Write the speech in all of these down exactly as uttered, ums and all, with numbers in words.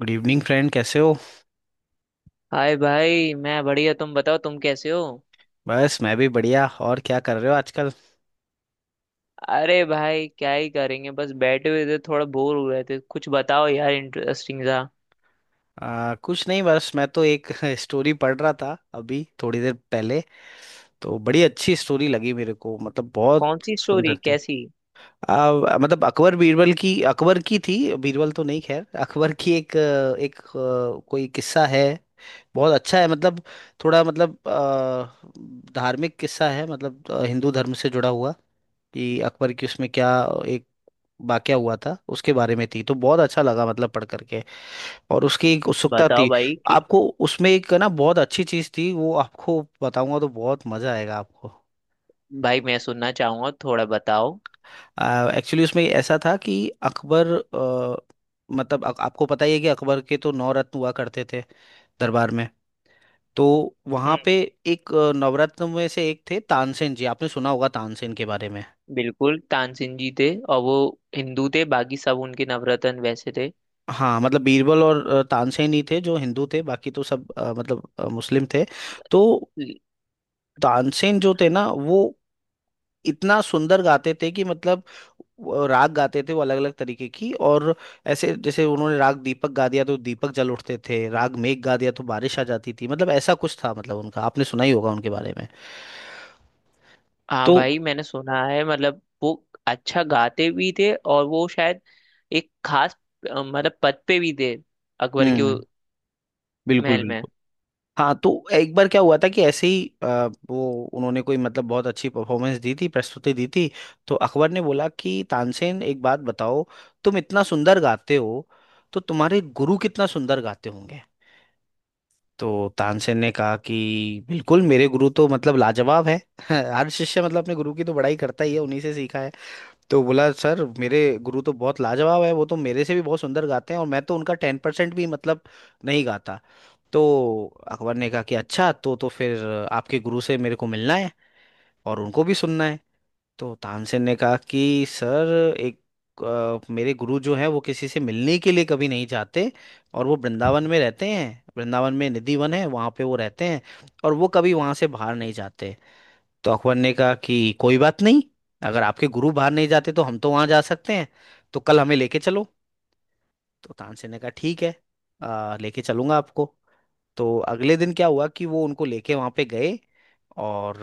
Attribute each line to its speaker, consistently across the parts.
Speaker 1: Good evening friend, कैसे हो?
Speaker 2: Hi भाई, मैं बढ़िया। तुम बताओ, तुम कैसे हो?
Speaker 1: बस मैं भी बढ़िया, और क्या कर रहे हो आजकल?
Speaker 2: अरे भाई, क्या ही करेंगे। बस बैठे हुए थे, थोड़ा बोर हो रहे थे। कुछ बताओ यार, इंटरेस्टिंग सा।
Speaker 1: आ, कुछ नहीं, बस मैं तो एक स्टोरी पढ़ रहा था अभी थोड़ी देर पहले। तो बड़ी अच्छी स्टोरी लगी मेरे को, मतलब बहुत
Speaker 2: कौन सी स्टोरी?
Speaker 1: सुंदर थी।
Speaker 2: कैसी?
Speaker 1: आ, मतलब अकबर बीरबल की, अकबर की थी, बीरबल तो नहीं, खैर अकबर की एक अ, एक अ, कोई किस्सा है। बहुत अच्छा है, मतलब थोड़ा मतलब अ, धार्मिक किस्सा है, मतलब अ, हिंदू धर्म से जुड़ा हुआ। कि अकबर की उसमें क्या एक वाकया हुआ था, उसके बारे में थी, तो बहुत अच्छा लगा मतलब पढ़ करके। और उसकी एक उत्सुकता
Speaker 2: बताओ
Speaker 1: थी।
Speaker 2: भाई कि।
Speaker 1: आपको उसमें एक ना बहुत अच्छी चीज थी, वो आपको बताऊंगा तो बहुत मजा आएगा आपको।
Speaker 2: भाई मैं सुनना चाहूंगा, थोड़ा बताओ।
Speaker 1: एक्चुअली उसमें ऐसा था कि अकबर अ, मतलब आप- आपको पता ही है कि अकबर के तो नौ रत्न हुआ करते थे दरबार में। तो वहां
Speaker 2: हम्म।
Speaker 1: पे एक अ, नवरत्न में से एक थे तानसेन जी, आपने सुना होगा तानसेन के बारे में।
Speaker 2: बिल्कुल, तानसेन जी थे। और वो हिंदू थे, बाकी सब उनके नवरत्न वैसे थे।
Speaker 1: हाँ, मतलब बीरबल और अ, तानसेन ही थे जो हिंदू थे, बाकी तो सब अ, मतलब अ, मुस्लिम थे। तो
Speaker 2: ल-
Speaker 1: तानसेन जो थे ना वो इतना सुंदर गाते थे कि मतलब वो राग गाते थे वो अलग अलग तरीके की, और ऐसे जैसे उन्होंने राग दीपक गा दिया तो दीपक जल उठते थे, राग मेघ गा दिया तो बारिश आ जाती थी, मतलब ऐसा कुछ था, मतलब उनका आपने सुना ही होगा उनके बारे में।
Speaker 2: हाँ
Speaker 1: तो
Speaker 2: भाई, मैंने सुना है, मतलब वो अच्छा गाते भी थे। और वो शायद एक खास, अ, मतलब पद पे भी थे। अकबर के उ-
Speaker 1: हम्म, बिल्कुल
Speaker 2: महल में।
Speaker 1: बिल्कुल। हाँ, तो एक बार क्या हुआ था कि ऐसे ही अ, वो उन्होंने कोई, मतलब बहुत अच्छी परफॉर्मेंस दी थी, प्रस्तुति दी थी। तो अकबर ने बोला कि तानसेन एक बात बताओ, तुम इतना सुंदर गाते हो तो तुम्हारे गुरु कितना सुंदर गाते होंगे। तो तानसेन ने कहा कि बिल्कुल, मेरे गुरु तो मतलब लाजवाब है। हर शिष्य मतलब अपने गुरु की तो बड़ाई करता ही है, उन्हीं से सीखा है। तो बोला सर, मेरे गुरु तो बहुत लाजवाब है, वो तो मेरे से भी बहुत सुंदर गाते हैं और मैं तो उनका टेन परसेंट भी मतलब नहीं गाता। तो अकबर ने कहा कि अच्छा तो तो फिर आपके गुरु से मेरे को मिलना है और उनको भी सुनना है। तो तानसेन ने कहा कि सर, एक अ, मेरे गुरु जो है वो किसी से मिलने के लिए कभी नहीं जाते, और वो वृंदावन में रहते हैं, वृंदावन में निधि वन है, वहाँ पे वो रहते हैं, और वो कभी वहाँ से बाहर नहीं जाते। तो अकबर ने कहा कि कोई बात नहीं, अगर आपके गुरु बाहर नहीं जाते तो हम तो वहाँ जा सकते हैं, तो कल हमें लेके चलो। तो तानसेन ने कहा ठीक है, अ, लेके चलूंगा आपको। तो अगले दिन क्या हुआ कि वो उनको लेके वहां पे गए, और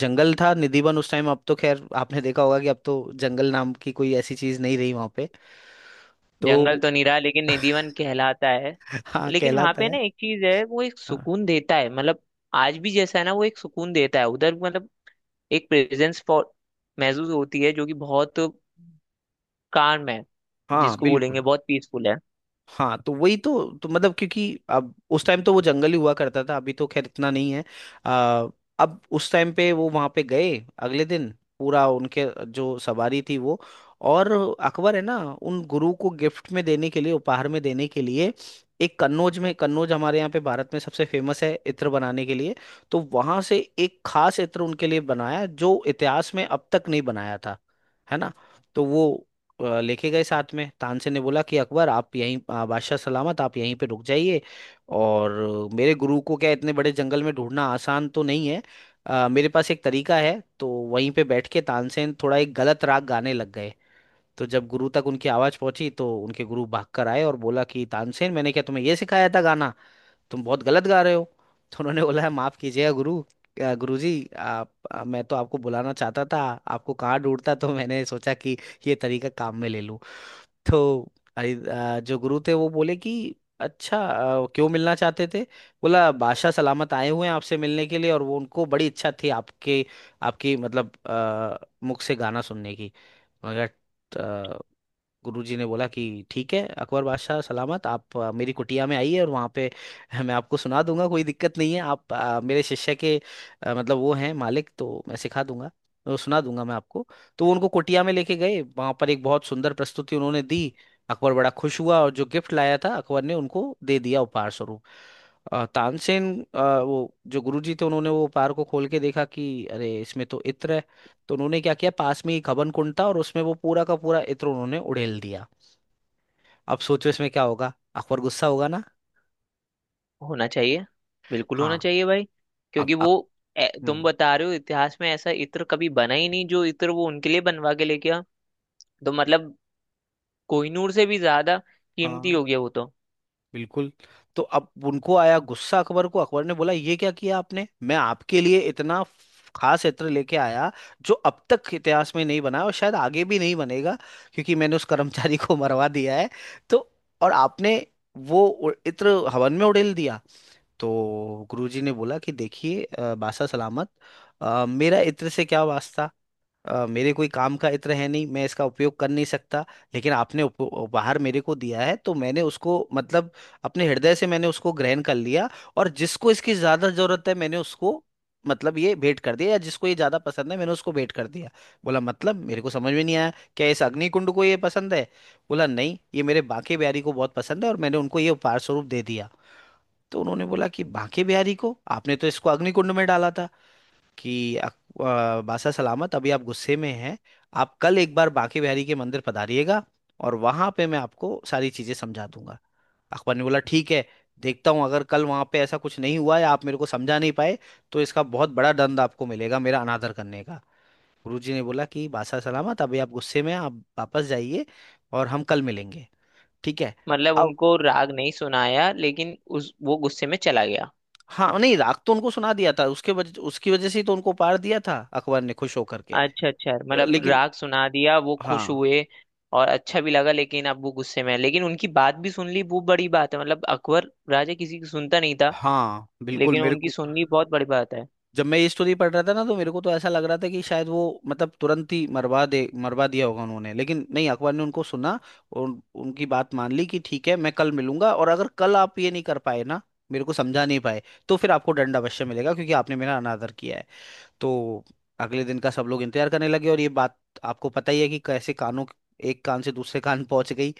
Speaker 1: जंगल था निधिवन उस टाइम, अब तो खैर आपने देखा होगा कि अब तो जंगल नाम की कोई ऐसी चीज नहीं रही वहां पे। तो
Speaker 2: जंगल तो नहीं रहा, लेकिन निधि वन कहलाता है।
Speaker 1: हाँ,
Speaker 2: लेकिन वहां
Speaker 1: कहलाता
Speaker 2: पे
Speaker 1: है।
Speaker 2: ना, एक चीज है, वो एक
Speaker 1: हाँ
Speaker 2: सुकून देता है, मतलब। आज भी जैसा है ना, वो एक सुकून देता है उधर, मतलब। एक प्रेजेंस महसूस होती है, जो कि बहुत काम है।
Speaker 1: हाँ
Speaker 2: जिसको
Speaker 1: बिल्कुल।
Speaker 2: बोलेंगे बहुत पीसफुल है।
Speaker 1: हाँ, तो वही तो, तो मतलब क्योंकि अब उस टाइम तो वो जंगल ही हुआ करता था, अभी तो खैर इतना नहीं है। आ, अब उस टाइम पे वो वहां पे गए अगले दिन। पूरा उनके जो सवारी थी वो, और अकबर है ना उन गुरु को गिफ्ट में देने के लिए, उपहार में देने के लिए एक कन्नौज में, कन्नौज हमारे यहाँ पे भारत में सबसे फेमस है इत्र बनाने के लिए, तो वहां से एक खास इत्र उनके लिए बनाया जो इतिहास में अब तक नहीं बनाया था, है ना। तो वो अ, लेके गए साथ में। तानसेन ने बोला कि अकबर आप यहीं, अ, बादशाह सलामत आप यहीं पे रुक जाइए और मेरे गुरु को क्या इतने बड़े जंगल में ढूंढना आसान तो नहीं है, अ, मेरे पास एक तरीका है। तो वहीं पे बैठ के तानसेन थोड़ा एक गलत राग गाने लग गए। तो जब गुरु तक उनकी आवाज पहुंची तो उनके गुरु भाग कर आए और बोला कि तानसेन मैंने क्या तुम्हें ये सिखाया था गाना, तुम बहुत गलत गा रहे हो। तो उन्होंने बोला माफ कीजिएगा गुरु, अ, गुरुजी आप, अ, मैं तो आपको बुलाना चाहता था, आपको कहाँ ढूंढता? तो मैंने सोचा कि ये तरीका काम में ले लूं। तो आई- आ, जो गुरु थे वो बोले कि अच्छा, आ, क्यों मिलना चाहते थे? बोला बादशाह सलामत आए हुए हैं आपसे मिलने के लिए और वो उनको बड़ी इच्छा थी आपके, आपकी मतलब आ, मुख से गाना सुनने की, मैंने कहा। गुरुजी ने बोला कि ठीक है अकबर बादशाह सलामत, आप अ, मेरी कुटिया में आइए और वहाँ पे मैं आपको सुना दूंगा, कोई दिक्कत नहीं है। आप, अ, मेरे शिष्य के अ, मतलब वो हैं मालिक तो मैं सिखा दूंगा, वो सुना दूंगा मैं आपको। तो वो उनको कुटिया में लेके गए, वहाँ पर एक बहुत सुंदर प्रस्तुति उन्होंने दी। अकबर बड़ा खुश हुआ और जो गिफ्ट लाया था अकबर ने उनको दे दिया उपहार स्वरूप। अ, तानसेन अ, वो जो गुरुजी थे उन्होंने वो उपहार को खोल के देखा कि अरे इसमें तो इत्र है। तो उन्होंने क्या किया, पास में ही खबन कुंड था और उसमें वो पूरा का पूरा इत्र उन्होंने उड़ेल दिया। अब सोचो इसमें क्या होगा, अकबर गुस्सा होगा ना।
Speaker 2: होना चाहिए। बिल्कुल होना
Speaker 1: हाँ।
Speaker 2: चाहिए भाई।
Speaker 1: अब
Speaker 2: क्योंकि वो,
Speaker 1: अक...
Speaker 2: ए, तुम
Speaker 1: हम्म।
Speaker 2: बता रहे हो इतिहास में ऐसा इत्र कभी बना ही नहीं, जो इत्र वो उनके लिए बनवा के लेके आ। तो मतलब, कोहिनूर से भी ज्यादा कीमती
Speaker 1: हाँ,
Speaker 2: हो गया वो तो।
Speaker 1: बिल्कुल। तो अब उनको आया गुस्सा अकबर को, अकबर ने बोला ये क्या किया आपने, मैं आपके लिए इतना फ- खास इत्र लेके आया जो अब तक इतिहास में नहीं बना और शायद आगे भी नहीं बनेगा, क्योंकि मैंने उस कर्मचारी को मरवा दिया है। तो और आपने वो उ- इत्र हवन में उड़ेल दिया। तो गुरुजी ने बोला कि देखिए अ, बासा सलामत, अ, मेरा इत्र से क्या वास्ता? अ, मेरे कोई काम का इत्र है नहीं, मैं इसका उपयोग कर नहीं सकता। लेकिन आपने उप, उपहार मेरे को दिया है तो मैंने उसको मतलब अपने हृदय से मैंने उसको ग्रहण कर लिया, और जिसको इसकी ज्यादा जरूरत है मैंने उसको मतलब ये भेंट कर दिया, या जिसको ये ज्यादा पसंद है मैंने उसको भेंट कर दिया। बोला मतलब मेरे को समझ में नहीं आया, क्या इस अग्नि कुंड को ये पसंद है? बोला नहीं, ये मेरे बांके बिहारी को बहुत पसंद है और मैंने उनको ये उपहार स्वरूप दे दिया। तो उन्होंने बोला कि बांके बिहारी को, आपने तो इसको अग्निकुंड में डाला था। कि अ- अ, बासा सलामत अभी आप गुस्से में हैं, आप कल एक बार बांके बिहारी के मंदिर पधारिएगा और वहां पे मैं आपको सारी चीजें समझा दूंगा। अकबर ने बोला ठीक है, देखता हूं अगर कल वहां पे ऐसा कुछ नहीं हुआ या आप मेरे को समझा नहीं पाए तो इसका बहुत बड़ा दंड आपको मिलेगा, मेरा अनादर करने का। गुरुजी ने बोला कि बासा सलामत अभी आप गुस्से में हैं, आप वापस जाइए, और हम कल मिलेंगे, ठीक है।
Speaker 2: मतलब
Speaker 1: अब,
Speaker 2: उनको राग नहीं सुनाया, लेकिन उस वो गुस्से में चला गया।
Speaker 1: हाँ नहीं, राग तो उनको सुना दिया था, उसके वजह, उसकी वजह से ही तो उनको पार दिया था अकबर ने खुश होकर के।
Speaker 2: अच्छा अच्छा, मतलब
Speaker 1: लेकिन,
Speaker 2: राग सुना दिया, वो खुश
Speaker 1: हाँ
Speaker 2: हुए। और अच्छा भी लगा, लेकिन अब वो गुस्से में है, लेकिन उनकी बात भी सुन ली, वो बड़ी बात है। मतलब अकबर राजा किसी की सुनता नहीं था।
Speaker 1: हाँ बिल्कुल।
Speaker 2: लेकिन
Speaker 1: मेरे
Speaker 2: उनकी
Speaker 1: को
Speaker 2: सुन ली, बहुत बड़ी बात है।
Speaker 1: जब मैं ये स्टोरी पढ़ रहा था ना तो मेरे को तो ऐसा लग रहा था कि शायद वो मतलब तुरंत ही मरवा दे, मरवा दिया होगा उन्होंने, लेकिन नहीं, अकबर ने उनको सुना और उन- उनकी बात मान ली कि ठीक है मैं कल मिलूंगा, और अगर कल आप ये नहीं कर पाए ना, मेरे को समझा नहीं पाए, तो फिर आपको दंड अवश्य मिलेगा क्योंकि आपने मेरा अनादर किया है। तो अगले दिन का सब लोग इंतजार करने लगे, और ये बात, आपको पता ही है कि कैसे, कानों, एक कान से दूसरे कान पहुंच गई,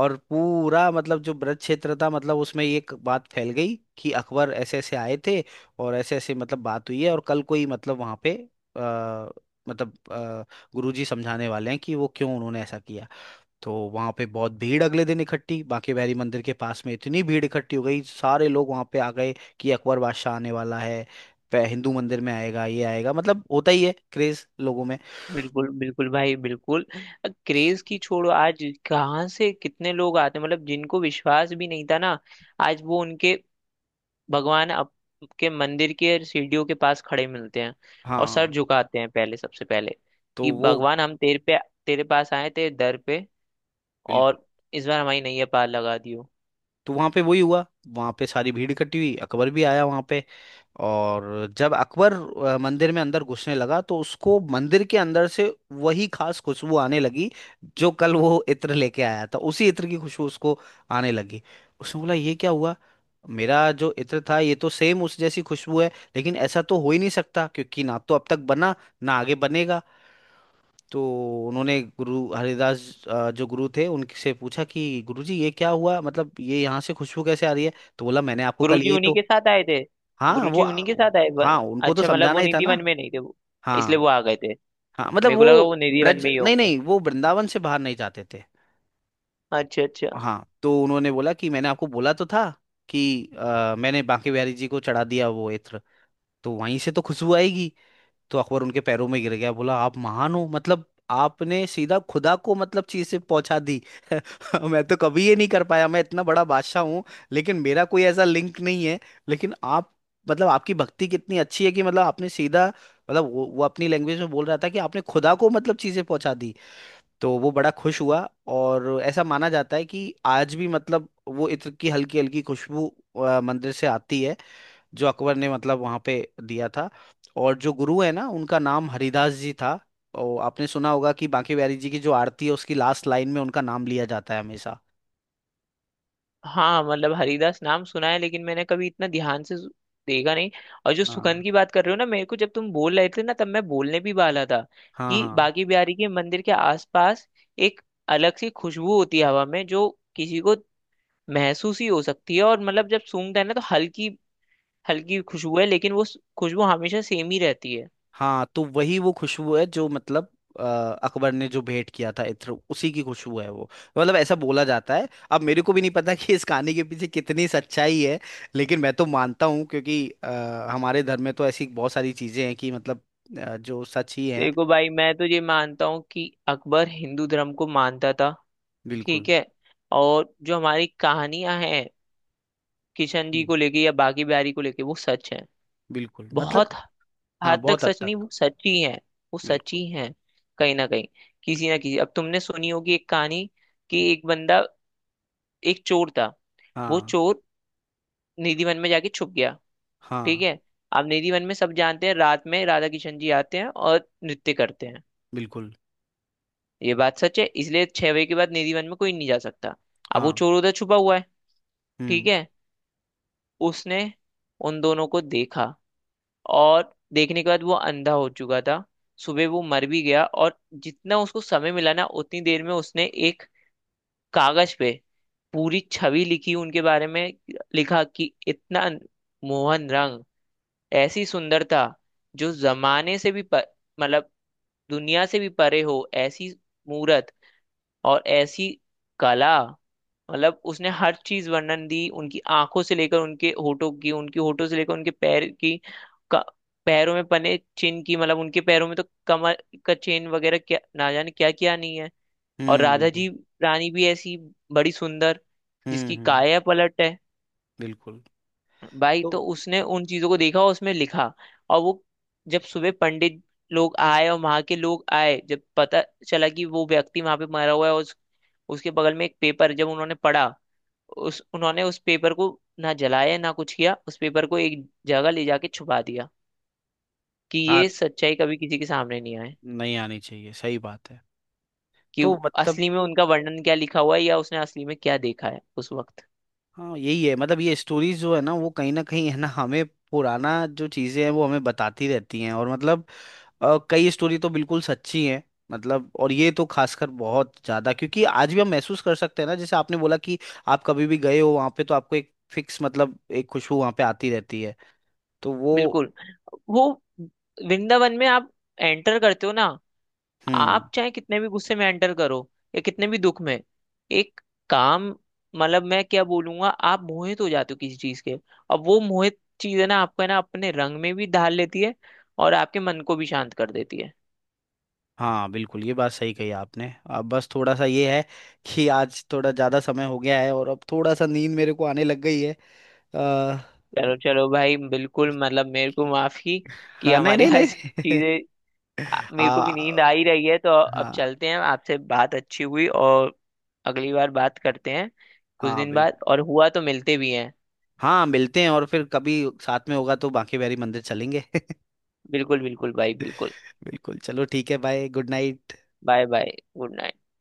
Speaker 1: और पूरा मतलब जो ब्रज क्षेत्र था मतलब उसमें ये एक बात फैल गई कि अकबर ऐसे ऐसे आए थे और ऐसे ऐसे मतलब बात हुई है और कल कोई मतलब वहां पे आ, मतलब आ, गुरुजी समझाने वाले हैं कि वो क्यों उन्होंने ऐसा किया। तो वहां पे बहुत भीड़ अगले दिन इकट्ठी, बांके बिहारी मंदिर के पास में इतनी भीड़ इकट्ठी हो गई, सारे लोग वहां पे आ गए कि अकबर बादशाह आने वाला है, पे- हिंदू मंदिर में आएगा, ये आएगा, मतलब होता ही है क्रेज लोगों में।
Speaker 2: बिल्कुल बिल्कुल भाई, बिल्कुल। क्रेज की छोड़ो आज। कहाँ से कितने लोग आते हैं, मतलब जिनको विश्वास भी नहीं था ना। आज वो उनके, भगवान आपके मंदिर के सीढ़ियों के पास खड़े मिलते हैं। और सर
Speaker 1: हाँ
Speaker 2: झुकाते हैं पहले, सबसे पहले।
Speaker 1: तो
Speaker 2: कि
Speaker 1: वो,
Speaker 2: भगवान, हम तेरे पे तेरे पास आए थे, दर पे।
Speaker 1: बिल्कुल।
Speaker 2: और इस बार हमारी नैया पार लगा दियो।
Speaker 1: तो वहां पे वही हुआ, वहां पे सारी भीड़ इकट्ठी हुई, अकबर भी आया वहां पे, और जब अकबर अ, मंदिर में अंदर घुसने लगा तो उसको मंदिर के अंदर से वही खास खुशबू आने लगी, जो कल वो इत्र लेके आया था उसी इत्र की खुशबू उसको आने लगी। उसने बोला ये क्या हुआ, मेरा जो इत्र था ये तो सेम उस जैसी खुशबू है, लेकिन ऐसा तो हो ही नहीं सकता क्योंकि ना तो अब तक बना, ना आगे बनेगा। तो उन्होंने गुरु हरिदास, अ, जो गुरु थे उनसे पूछा कि गुरुजी ये क्या हुआ, मतलब ये यहाँ से खुशबू कैसे आ रही है? तो बोला मैंने आपको
Speaker 2: गुरु
Speaker 1: कल
Speaker 2: जी
Speaker 1: यही
Speaker 2: उन्हीं
Speaker 1: तो।
Speaker 2: के साथ आए थे।
Speaker 1: हाँ
Speaker 2: गुरु
Speaker 1: वो।
Speaker 2: जी उन्हीं के साथ आए वन-
Speaker 1: हाँ, उनको तो
Speaker 2: अच्छा मतलब
Speaker 1: समझाना
Speaker 2: वो
Speaker 1: ही था
Speaker 2: निधि
Speaker 1: ना।
Speaker 2: वन में नहीं थे वो।
Speaker 1: हाँ
Speaker 2: इसलिए वो आ गए थे।
Speaker 1: हाँ मतलब
Speaker 2: मेरे को लगा वो
Speaker 1: वो
Speaker 2: निधि वन
Speaker 1: ब्रज,
Speaker 2: में ही
Speaker 1: नहीं
Speaker 2: होंगे।
Speaker 1: नहीं, वो वृंदावन से बाहर नहीं जाते थे।
Speaker 2: अच्छा अच्छा।
Speaker 1: हाँ तो उन्होंने बोला कि मैंने आपको बोला तो था कि अ, मैंने बांके बिहारी जी को चढ़ा दिया वो इत्र, तो वहीं से तो खुशबू आएगी। तो अकबर उनके पैरों में गिर गया, बोला आप महान हो मतलब आपने सीधा खुदा को मतलब चीज से पहुंचा दी। मैं तो कभी ये नहीं कर पाया, मैं इतना बड़ा बादशाह हूँ लेकिन मेरा कोई ऐसा लिंक नहीं है, लेकिन आप मतलब आपकी भक्ति कितनी अच्छी है कि मतलब आपने सीधा मतलब वो, वो अपनी लैंग्वेज में बोल रहा था कि आपने खुदा को मतलब चीजें पहुंचा दी। तो वो बड़ा खुश हुआ। और ऐसा माना जाता है कि आज भी मतलब वो इत्र की हल्की हल्की खुशबू अ, मंदिर से आती है, जो अकबर ने मतलब वहां पे दिया था। और जो गुरु है ना, उनका नाम हरिदास जी था, और आपने सुना होगा कि बांके बिहारी जी की जो आरती है उसकी लास्ट लाइन में उनका नाम लिया जाता है हमेशा।
Speaker 2: हाँ मतलब हरिदास नाम सुना है, लेकिन मैंने कभी इतना ध्यान से सु- देखा नहीं। और जो
Speaker 1: हाँ
Speaker 2: सुगंध की बात कर रहे हो ना, मेरे को जब तुम बोल रहे थे ना, तब मैं बोलने भी वाला था।
Speaker 1: हाँ
Speaker 2: कि
Speaker 1: हाँ
Speaker 2: बाकी बिहारी के मंदिर के आसपास एक अलग सी खुशबू होती है हवा में, जो किसी को महसूस ही हो सकती है। और मतलब जब सूंघता है ना, तो हल्की हल्की खुशबू है, लेकिन वो खुशबू हमेशा सेम ही रहती है।
Speaker 1: हाँ। तो वही वो खुशबू है जो मतलब अ, अकबर ने जो भेंट किया था इत्र, उसी की खुशबू है वो। मतलब ऐसा बोला जाता है। अब मेरे को भी नहीं पता कि इस कहानी के पीछे कितनी सच्चाई है, लेकिन मैं तो मानता हूँ, क्योंकि अ, हमारे धर्म में तो ऐसी बहुत सारी चीजें हैं कि मतलब अ, जो सच ही है।
Speaker 2: देखो भाई, मैं तो ये मानता हूँ कि अकबर हिंदू धर्म को मानता था।
Speaker 1: बिल्कुल
Speaker 2: ठीक है। और जो हमारी कहानियां हैं, किशन जी को लेके या बाकी बिहारी को लेके, वो सच है।
Speaker 1: बिल्कुल, मतलब
Speaker 2: बहुत
Speaker 1: हाँ
Speaker 2: हद तक
Speaker 1: बहुत हद
Speaker 2: सच नहीं,
Speaker 1: तक।
Speaker 2: वो सच ही है। वो सच
Speaker 1: बिल्कुल।
Speaker 2: ही है। कहीं ना कहीं, किसी ना किसी, अब तुमने सुनी होगी एक कहानी। कि एक बंदा, एक चोर था। वो
Speaker 1: हाँ
Speaker 2: चोर निधिवन में जाके छुप गया। ठीक
Speaker 1: हाँ
Speaker 2: है। अब निधिवन में सब जानते हैं, रात में राधा किशन जी आते हैं और नृत्य करते हैं।
Speaker 1: बिल्कुल।
Speaker 2: ये बात सच है, इसलिए छह बजे के बाद निधिवन में कोई नहीं जा सकता। अब वो
Speaker 1: हाँ,
Speaker 2: चोर उधर छुपा हुआ है। ठीक
Speaker 1: हम्म
Speaker 2: है। उसने उन दोनों को देखा, और देखने के बाद वो अंधा हो चुका था। सुबह वो मर भी गया, और जितना उसको समय मिला ना, उतनी देर में उसने एक कागज पे पूरी छवि लिखी उनके बारे में। लिखा कि इतना मोहन रंग, ऐसी सुंदरता, जो जमाने से भी प- मतलब दुनिया से भी परे हो, ऐसी मूरत, और ऐसी कला। मतलब उसने हर चीज वर्णन दी, उनकी आंखों से लेकर उनके होठों की, उनके होठों से लेकर उनके पैर की, का, पैरों में बने चिन्ह की। मतलब उनके पैरों में तो कमर का चेन वगैरह, क्या ना जाने क्या क्या नहीं है। और
Speaker 1: हम्म
Speaker 2: राधा
Speaker 1: बिल्कुल।
Speaker 2: जी रानी भी ऐसी बड़ी सुंदर,
Speaker 1: हम्म
Speaker 2: जिसकी
Speaker 1: हम्म
Speaker 2: काया पलट है।
Speaker 1: बिल्कुल।
Speaker 2: भाई तो उसने उन चीजों को देखा और उसमें लिखा। और वो जब सुबह पंडित लोग आए, और वहां के लोग आए, जब पता चला कि वो व्यक्ति वहां पे मरा हुआ है, और उस, उसके बगल में एक पेपर जब उन्होंने पढ़ा। उस उन्होंने उस पेपर को ना जलाया ना कुछ किया, उस पेपर को एक जगह ले जाके छुपा दिया। कि
Speaker 1: हाँ
Speaker 2: ये सच्चाई कभी किसी के सामने नहीं आए।
Speaker 1: नहीं, आनी चाहिए, सही बात है।
Speaker 2: कि
Speaker 1: तो
Speaker 2: वो-
Speaker 1: मतलब,
Speaker 2: असली में उनका वर्णन क्या लिखा हुआ है, या उसने असली में क्या देखा है उस वक्त।
Speaker 1: हाँ यही है मतलब, ये स्टोरीज जो है ना वो कहीं ना कहीं है ना हमें पुराना जो चीजें हैं वो हमें बताती रहती हैं, और मतलब अ, कई स्टोरी तो बिल्कुल सच्ची हैं, मतलब, और ये तो खासकर बहुत ज्यादा, क्योंकि आज भी हम महसूस कर सकते हैं ना जैसे आपने बोला कि आप कभी भी गए हो वहां पे तो आपको एक फिक्स मतलब एक खुशबू वहां पे आती रहती है। तो वो,
Speaker 2: बिल्कुल। वो, वृंदावन में आप एंटर करते हो ना।
Speaker 1: हम्म।
Speaker 2: आप चाहे कितने भी गुस्से में एंटर करो, या कितने भी दुख में। एक काम, मतलब मैं क्या बोलूंगा, आप मोहित हो जाते हो किसी चीज के। और वो मोहित चीज है ना, आपको है ना, अपने रंग में भी ढाल लेती है। और आपके मन को भी शांत कर देती है।
Speaker 1: हाँ बिल्कुल, ये बात सही कही आपने। अब बस थोड़ा सा ये है कि आज थोड़ा ज़्यादा समय हो गया है और अब थोड़ा सा नींद मेरे को आने लग गई है। आ,
Speaker 2: चलो चलो भाई, बिल्कुल। मतलब मेरे को माफी, कि
Speaker 1: हाँ नहीं
Speaker 2: हमारी
Speaker 1: नहीं
Speaker 2: आज
Speaker 1: नहीं।
Speaker 2: चीजें। आ-
Speaker 1: आ,
Speaker 2: मेरे को भी नींद आ ही रही है, तो अब
Speaker 1: हाँ
Speaker 2: चलते हैं। आपसे बात अच्छी हुई, और अगली बार बात करते हैं कुछ
Speaker 1: हाँ
Speaker 2: दिन
Speaker 1: बिल्कुल।
Speaker 2: बाद, और हुआ तो मिलते भी हैं।
Speaker 1: हाँ मिलते हैं, और फिर कभी साथ में होगा तो बांके बिहारी मंदिर चलेंगे।
Speaker 2: बिल्कुल बिल्कुल भाई, बिल्कुल।
Speaker 1: बिल्कुल, चलो ठीक है। Bye, good night.
Speaker 2: Bye bye. Good night.